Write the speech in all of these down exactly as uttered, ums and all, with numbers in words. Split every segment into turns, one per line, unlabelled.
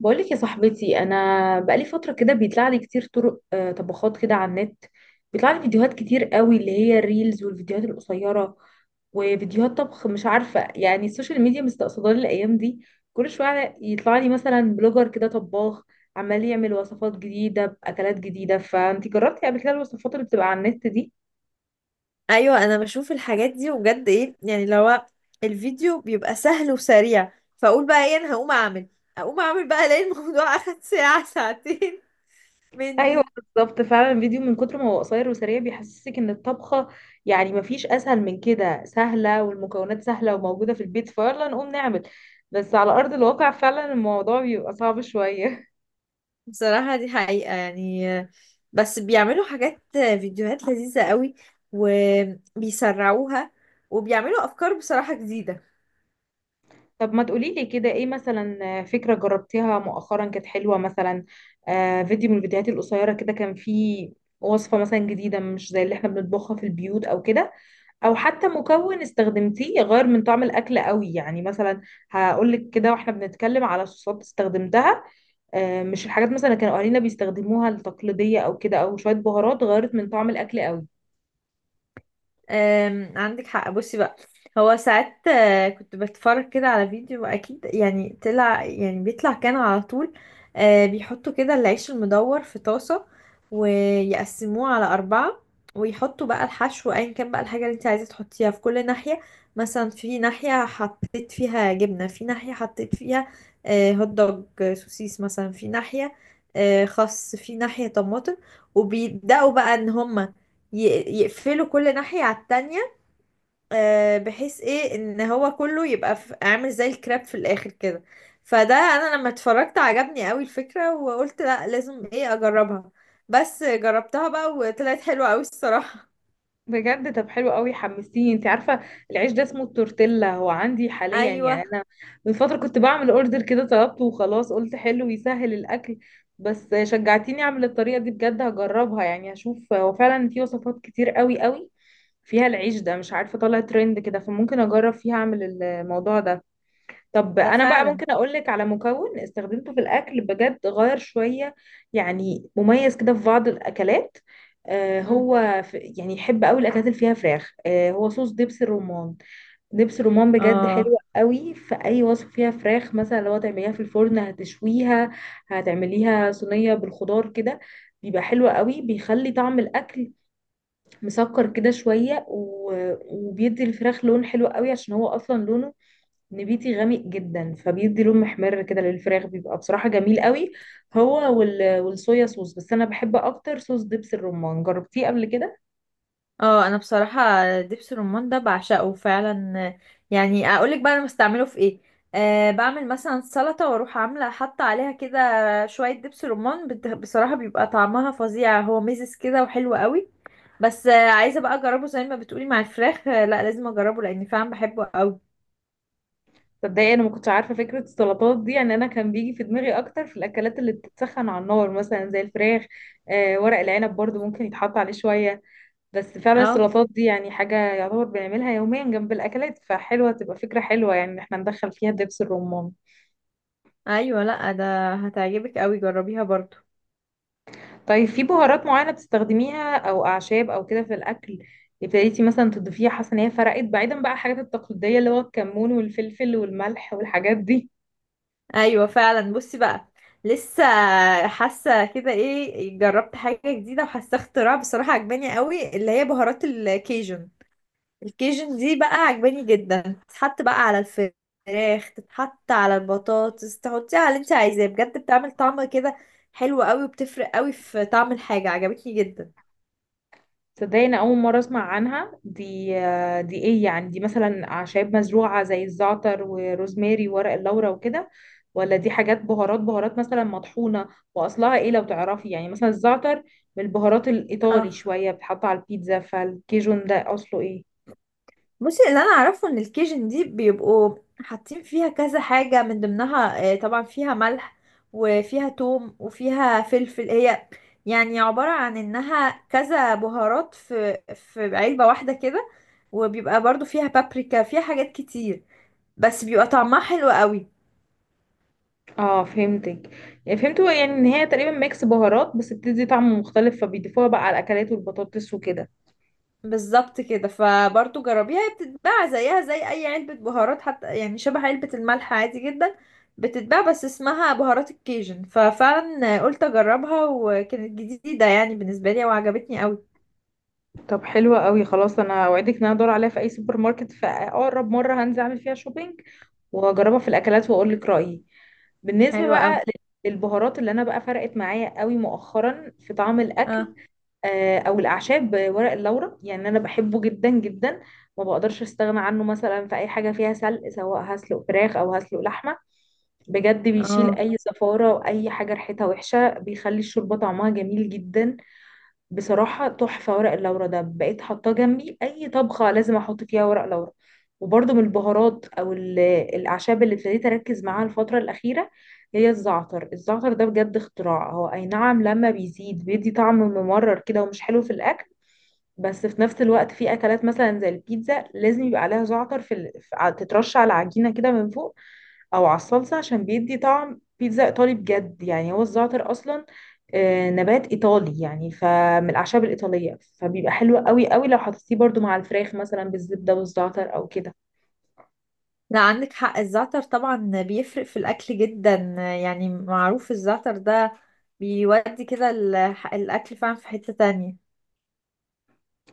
بقولك يا صاحبتي، انا بقالي فتره كده بيطلع لي كتير طرق، آه، طبخات كده على النت. بيطلع لي فيديوهات كتير قوي اللي هي الريلز والفيديوهات القصيره وفيديوهات طبخ. مش عارفه يعني السوشيال ميديا مستقصداني الايام دي. كل شويه يطلع لي مثلا بلوجر كده طباخ عمال يعمل وصفات جديده باكلات جديده. فانت جربتي قبل كده الوصفات اللي بتبقى على النت دي؟
ايوه، انا بشوف الحاجات دي وبجد ايه؟ يعني لو الفيديو بيبقى سهل وسريع، فاقول بقى ايه، انا هقوم اعمل. اقوم اعمل بقى الاقي الموضوع اخد ساعة ساعتين
ايوه
مني.
بالظبط، فعلا الفيديو من كتر ما هو قصير وسريع بيحسسك ان الطبخه يعني مفيش اسهل من كده، سهله والمكونات سهله وموجوده في البيت، فيلا نقوم نعمل. بس على ارض الواقع فعلا الموضوع بيبقى صعب شويه.
بصراحة دي حقيقة، يعني بس بيعملوا حاجات، فيديوهات لذيذة قوي، وبيسرعوها، وبيعملوا افكار بصراحة جديدة.
طب ما تقولي لي كده ايه مثلا فكره جربتيها مؤخرا كانت حلوه مثلا؟ آه فيديو من الفيديوهات القصيره كده، كان فيه وصفه مثلا جديده مش زي اللي احنا بنطبخها في البيوت او كده، او حتى مكون استخدمتيه يغير من طعم الاكل قوي. يعني مثلا هقول لك كده واحنا بنتكلم على صوصات استخدمتها. آه، مش الحاجات مثلا اللي كانوا اهالينا بيستخدموها التقليديه او كده، او شويه بهارات غيرت من طعم الاكل قوي.
أم، عندك حق. بصي بقى، هو ساعات آه، كنت بتفرج كده على فيديو، اكيد يعني طلع يعني بيطلع كان على طول. آه، بيحطوا كده العيش المدور في طاسة، ويقسموه على أربعة، ويحطوا بقى الحشو أيا كان، بقى الحاجة اللي انت عايزة تحطيها في كل ناحية. مثلا في ناحية حطيت فيها جبنة، في ناحية حطيت فيها آه، هوت دوج، آه، سوسيس مثلا في ناحية، آه، خس في ناحية طماطم. وبيبدأوا بقى ان هما ي- يقفلوا كل ناحية على التانية، آه، بحيث ايه ان هو كله يبقى في- عامل زي الكراب في الاخر كده. فده انا لما اتفرجت عجبني قوي الفكرة، وقلت لا لازم ايه، اجربها. بس جربتها بقى وطلعت حلوة قوي الصراحة.
بجد؟ طب حلو قوي، حمستيني. انت عارفه العيش ده اسمه التورتيلا، هو عندي حاليا يعني
ايوه،
انا من فتره كنت بعمل اوردر كده طلبته، وخلاص قلت حلو يسهل الاكل. بس شجعتيني اعمل الطريقه دي، بجد هجربها. يعني هشوف هو فعلا في وصفات كتير قوي قوي فيها العيش ده، مش عارفه طالع ترند كده فممكن اجرب فيها اعمل الموضوع ده. طب
ده
انا بقى
فعلا.
ممكن اقول لك على مكون استخدمته في الاكل بجد غير شويه، يعني مميز كده في بعض الاكلات. آه
مم.
هو في يعني يحب قوي الاكلات اللي فيها فراخ، آه هو صوص دبس الرمان. دبس الرمان بجد حلو
اه.
قوي في اي وصفه فيها فراخ، مثلا لو تعمليها في الفرن هتشويها، هتعمليها صينيه بالخضار كده. بيبقى حلو قوي، بيخلي طعم الاكل مسكر كده شويه، و- وبيدي الفراخ لون حلو قوي عشان هو اصلا لونه نبيتي غامق جدا، فبيدي لون محمر كده للفراخ، بيبقى بصراحة جميل قوي. هو وال... والصويا صوص، بس انا بحب اكتر صوص دبس الرمان. جربتيه قبل كده؟
اه انا بصراحه دبس الرمان ده بعشقه فعلا. يعني اقولك بقى انا بستعمله في ايه. أه بعمل مثلا سلطه، واروح عامله حاطه عليها كده شويه دبس رمان، بت- بصراحه بيبقى طعمها فظيع، هو ميزز كده وحلو قوي. بس آه، عايزه بقى اجربه زي ما بتقولي مع الفراخ. آه، لا لازم اجربه، لان فعلا بحبه قوي.
تصدقي انا ما كنتش عارفة فكرة السلطات دي. يعني انا كان بيجي في دماغي اكتر في الاكلات اللي بتتسخن على النار مثلا زي الفراخ. آه ورق العنب برضو ممكن يتحط عليه شوية. بس فعلا
اه.
السلطات دي يعني حاجة يعتبر بنعملها يوميا جنب الاكلات، فحلوة تبقى فكرة حلوة يعني ان احنا ندخل فيها دبس الرمان.
ايوه، لا ده هتعجبك قوي، جربيها برضو.
طيب، في بهارات معينة بتستخدميها او اعشاب او كده في الاكل ابتديتي مثلا تضيفيها حاسة ان هي فرقت بعيدا بقى الحاجات التقليدية اللي هو الكمون والفلفل والملح والحاجات دي؟
ايوه فعلا، بصي بقى، لسه حاسه كده ايه، جربت حاجه جديده وحاسه اختراع بصراحه عجباني قوي، اللي هي بهارات الكيجن. الكيجن دي بقى عجباني جدا، تتحط بقى على الفراخ، تتحط على البطاطس، تحطيها على اللي انت عايزاه، بجد بتعمل طعم كده حلو قوي، وبتفرق قوي في طعم الحاجه، عجبتني جدا.
تصدقي انا اول مرة اسمع عنها دي. آه، دي ايه يعني؟ دي مثلا اعشاب مزروعة زي الزعتر وروزماري وورق اللورا وكده، ولا دي حاجات بهارات بهارات مثلا مطحونة؟ واصلها ايه لو تعرفي؟ يعني مثلا الزعتر من البهارات
اه
الايطالي شوية، بتحط على البيتزا. فالكيجون ده اصله ايه؟
بصي، اللي انا اعرفه ان الكيجن دي بيبقوا حاطين فيها كذا حاجة، من ضمنها آه، طبعا فيها ملح، وفيها توم، وفيها فلفل. هي يعني عبارة عن انها كذا بهارات في في علبة واحدة كده. وبيبقى برضو فيها بابريكا، فيها حاجات كتير، بس بيبقى طعمها حلو قوي.
اه فهمتك، يعني فهمت هو يعني ان هي تقريبا ميكس بهارات بس بتدي طعم مختلف، فبيضيفوها بقى على الاكلات والبطاطس وكده.
بالظبط كده، فبرضو جربيها، هي بتتباع زيها زي اي علبة بهارات، حتى يعني شبه علبة الملح عادي جدا. بتتباع بس اسمها بهارات الكيجن. ففعلا قلت اجربها، وكانت جديدة يعني بالنسبة لي وعجبتني قوي.
طب حلوة قوي، خلاص انا اوعدك ان انا ادور عليها في اي سوبر ماركت، في اقرب مرة هنزل اعمل فيها شوبينج واجربها في الاكلات واقول لك رايي. بالنسبة
حلوة قوي.
بقى للبهارات اللي انا بقى فرقت معايا قوي مؤخرا في طعم الاكل،
اه.
آه، او الاعشاب، آه، ورق اللورا يعني انا بحبه جدا جدا. ما بقدرش استغنى عنه مثلا في اي حاجة فيها سلق، سواء هسلق فراخ او هسلق لحمة، بجد بيشيل
اه
اي زفارة واي حاجة ريحتها وحشة، بيخلي الشوربة طعمها جميل جدا. بصراحة تحفة ورق اللورا ده، بقيت حاطاه جنبي، اي طبخة لازم احط فيها ورق لورا. وبرضه من البهارات او ال- الاعشاب اللي ابتديت اركز معاها الفترة الاخيرة هي الزعتر. الزعتر ده بجد اختراع، هو اي نعم لما بيزيد بيدي طعم ممرر كده ومش حلو في الاكل، بس في نفس الوقت في اكلات مثلا زي البيتزا لازم يبقى عليها زعتر في ال... في- ع- تترش على العجينه كده من فوق، او على الصلصه، عشان بيدي طعم بيتزا ايطالي بجد. يعني هو الزعتر اصلا آه، نبات ايطالي يعني، فمن الاعشاب الايطاليه، فبيبقى حلو قوي قوي لو حطيتيه برضو مع الفراخ مثلا بالزبده والزعتر او كده.
لا عندك حق، الزعتر طبعا بيفرق في الاكل جدا. يعني معروف الزعتر ده، بيودي كده ال- الاكل فعلا في حتة تانية.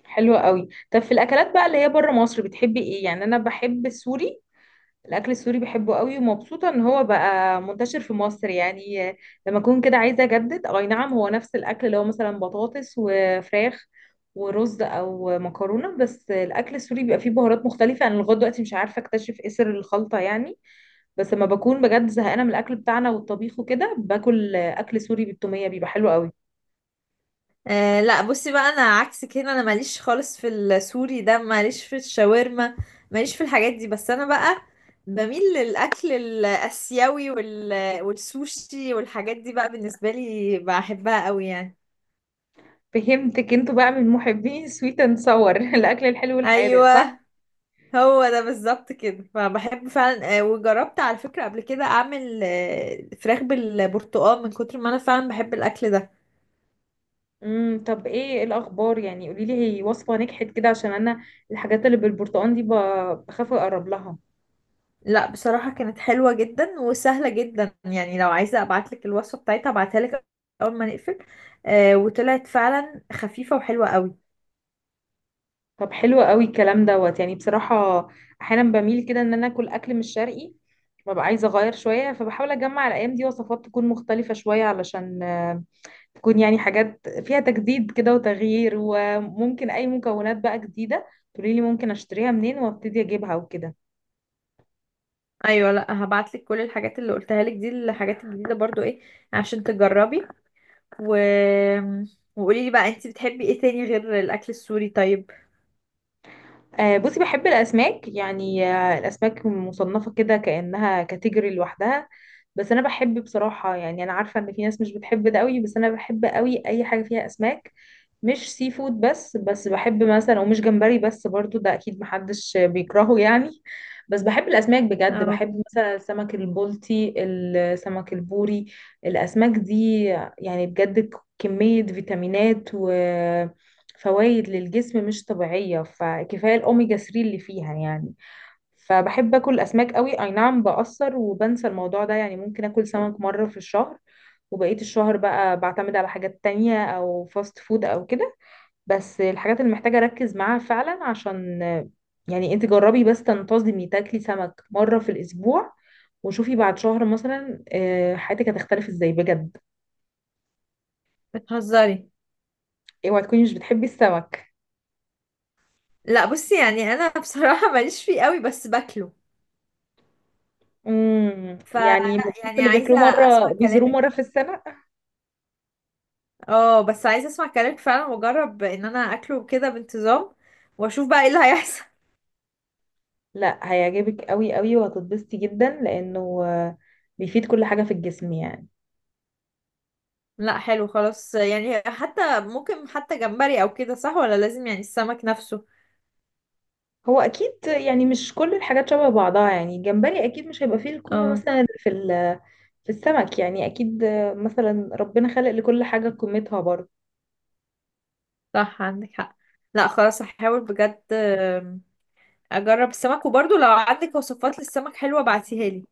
حلو قوي. طب في الاكلات بقى اللي هي بره مصر بتحبي ايه؟ يعني انا بحب السوري، الاكل السوري بحبه قوي ومبسوطه ان هو بقى منتشر في مصر يعني. آه، لما اكون كده عايزه اجدد، اي نعم هو نفس الاكل اللي هو مثلا بطاطس وفراخ ورز او مكرونه، بس الاكل السوري بيبقى فيه بهارات مختلفه، انا لغايه دلوقتي مش عارفه اكتشف ايه سر الخلطه يعني. بس لما بكون بجد زهقانه من الاكل بتاعنا والطبيخ وكده باكل آه، اكل سوري بالتوميه بيبقى حلو قوي.
أه لا بصي بقى، انا عكسك هنا، انا ماليش خالص في السوري ده، ماليش في الشاورما، ماليش في الحاجات دي. بس انا بقى بميل للاكل الاسيوي وال... والسوشي والحاجات دي بقى بالنسبه لي بحبها قوي يعني.
فهمتك، انتوا بقى من محبين سويت اند صور، الاكل الحلو والحادق صح؟
ايوه هو ده بالظبط كده. فبحب فعلا. أه وجربت على فكره قبل كده اعمل أه فراخ بالبرتقال، من كتر ما انا فعلا بحب الاكل ده.
امم طب ايه الاخبار يعني؟ قولي لي هي وصفة نجحت كده؟ عشان انا الحاجات اللي بالبرتقال دي ب- بخاف اقرب لها.
لا بصراحة كانت حلوة جدا وسهلة جدا، يعني لو عايزة ابعتلك الوصفة بتاعتها ابعتها لك اول ما نقفل. آه وطلعت فعلا خفيفة وحلوة قوي.
طب حلو قوي الكلام دوت، يعني بصراحة احيانا بميل كده ان انا اكل اكل مش شرقي، ببقى عايزة اغير شوية. فبحاول اجمع الايام دي وصفات تكون مختلفة شوية علشان آه، تكون يعني حاجات فيها تجديد كده وتغيير، وممكن اي مكونات بقى جديدة تقولي لي ممكن اشتريها منين وابتدي اجيبها وكده.
ايوه، لا هبعتلك كل الحاجات اللي قلتها لك دي، الحاجات الجديدة برضو ايه، عشان تجربي. و... وقولي لي بقى، انت بتحبي ايه تاني غير الاكل السوري؟ طيب.
آه، بصي بحب الأسماك يعني. آه، الأسماك مصنفة كده كأنها كاتيجوري لوحدها، بس أنا بحب بصراحة. يعني أنا عارفة إن في ناس مش بتحب ده قوي، بس أنا بحب قوي أي حاجة فيها أسماك. مش سي فود بس بس بحب مثلا، ومش جمبري بس برضو ده أكيد محدش بيكرهه يعني، بس بحب الأسماك بجد.
اه
بحب مثلا السمك البلطي السمك البوري، الأسماك دي يعني بجد كمية فيتامينات و فوائد للجسم مش طبيعية، فكفاية الأوميجا ثلاثة اللي فيها يعني. فبحب أكل أسماك قوي. أي نعم بأثر وبنسى الموضوع ده، يعني ممكن أكل سمك مرة في الشهر وبقية الشهر بقى بعتمد على حاجات تانية أو فاست فود أو كده، بس الحاجات اللي محتاجة أركز معاها فعلا عشان يعني. أنت جربي بس تنتظمي تاكلي سمك مرة في الأسبوع، وشوفي بعد شهر مثلا آه، حياتك هتختلف ازاي بجد.
بتهزري؟
اوعي تكوني مش بتحبي السمك.
لا بصي يعني انا بصراحة ماليش فيه قوي، بس باكله.
امم
فلا
يعني من الناس
يعني
اللي بياكلوه
عايزة
مرة،
اسمع
بيزوروه
كلامك.
مرة في السنة.
اه بس عايزه اسمع كلامك فعلا، واجرب ان انا اكله كده بانتظام، واشوف بقى ايه اللي هيحصل.
لا هيعجبك قوي قوي وهتتبسطي جدا، لأنه آه، بيفيد كل حاجة في الجسم يعني.
لا حلو خلاص، يعني حتى ممكن حتى جمبري او كده، صح ولا لازم يعني السمك نفسه؟
هو أكيد يعني مش كل الحاجات شبه بعضها، يعني الجمبري أكيد مش هيبقى فيه القيمة
اه
مثلا اللي في ال- في السمك يعني، أكيد آه، مثلا ربنا خلق لكل حاجة قيمتها برضه.
صح، عندك حق. لا خلاص هحاول بجد. آم، اجرب السمك، وبرضه لو عندك وصفات للسمك حلوه بعتيها لي.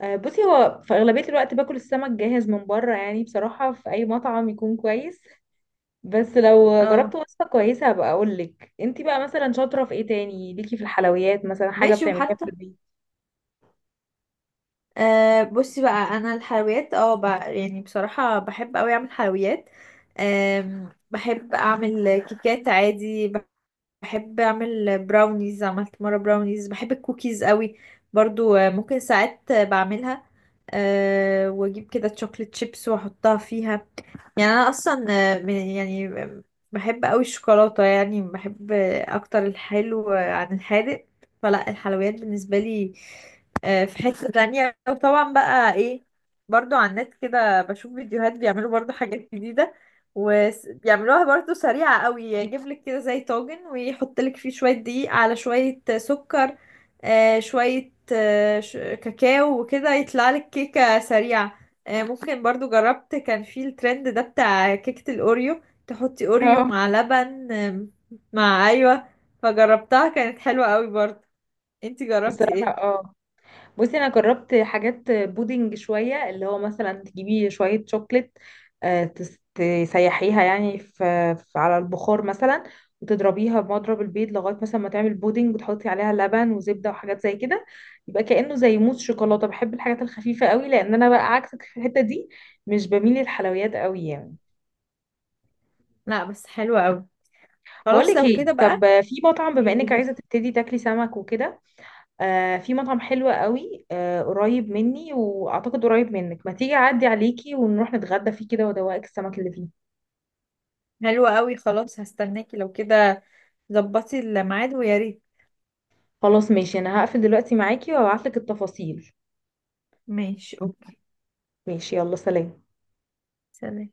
آه، بصي هو في أغلبية الوقت باكل السمك جاهز من بره، يعني بصراحة في أي مطعم يكون كويس. بس لو
اه
جربت وصفة كويسة هبقى اقول لك. انتي بقى مثلا شاطرة في ايه تاني ليكي؟ في الحلويات مثلا حاجة
ماشي.
بتعمليها
وحتى
في البيت؟
أه بصي بقى، انا الحلويات اه ب- يعني بصراحه بحب قوي اعمل حلويات. أم، بحب اعمل كيكات عادي، بحب اعمل براونيز، عملت مره براونيز، بحب الكوكيز قوي برضو. آه، ممكن ساعات آه، بعملها. أه واجيب كده تشوكلت شيبس واحطها فيها. يعني انا اصلا آه، من- يعني بحب قوي الشوكولاته، يعني بحب اكتر الحلو عن الحادق. فلا الحلويات بالنسبه لي آه، في حته تانية. وطبعا بقى ايه، برضو على النت كده بشوف فيديوهات بيعملوا برضو حاجات جديده، وبيعملوها برضو سريعه قوي. يجيب لك كده زي طاجن ويحط لك فيه شويه دقيق على شويه سكر، آه، شويه آه، ش- كاكاو وكده يطلع لك كيكه سريعه. آه، ممكن برضو جربت، كان في الترند ده بتاع كيكة الأوريو، تحطي أوريو
اه
مع لبن. آم، مع أيوة. فجربتها كانت حلوة قوي برضو. انتي جربتي
بصراحة
ايه؟
اه، بصي انا جربت حاجات بودنج شوية، اللي هو مثلا تجيبي شوية شوكليت، آه، تس- تسيحيها يعني في في- على البخار مثلا، وتضربيها بمضرب البيض لغاية مثلا ما تعمل بودنج، وتحطي عليها لبن وزبدة وحاجات زي كده يبقى كأنه زي موس شوكولاتة. بحب الحاجات الخفيفة قوي، لأن أنا بقى عكسك في الحتة دي، مش بميل للحلويات قوي يعني.
لا بس حلوة قوي، خلاص
بقولك
لو
ايه،
كده
طب
بقى.
في مطعم بما
ايه
انك عايزه
قوليلي.
تبتدي تاكلي سمك وكده. آه في مطعم حلو قوي آه قريب مني واعتقد قريب منك، ما تيجي اعدي عليكي ونروح نتغدى فيه كده وادوقك السمك اللي فيه.
حلوة قوي، خلاص هستناكي لو كده، ظبطي الميعاد ويا ريت.
خلاص ماشي، انا هقفل دلوقتي معاكي وابعتلك التفاصيل.
ماشي اوكي.
ماشي يلا سلام.
سلام.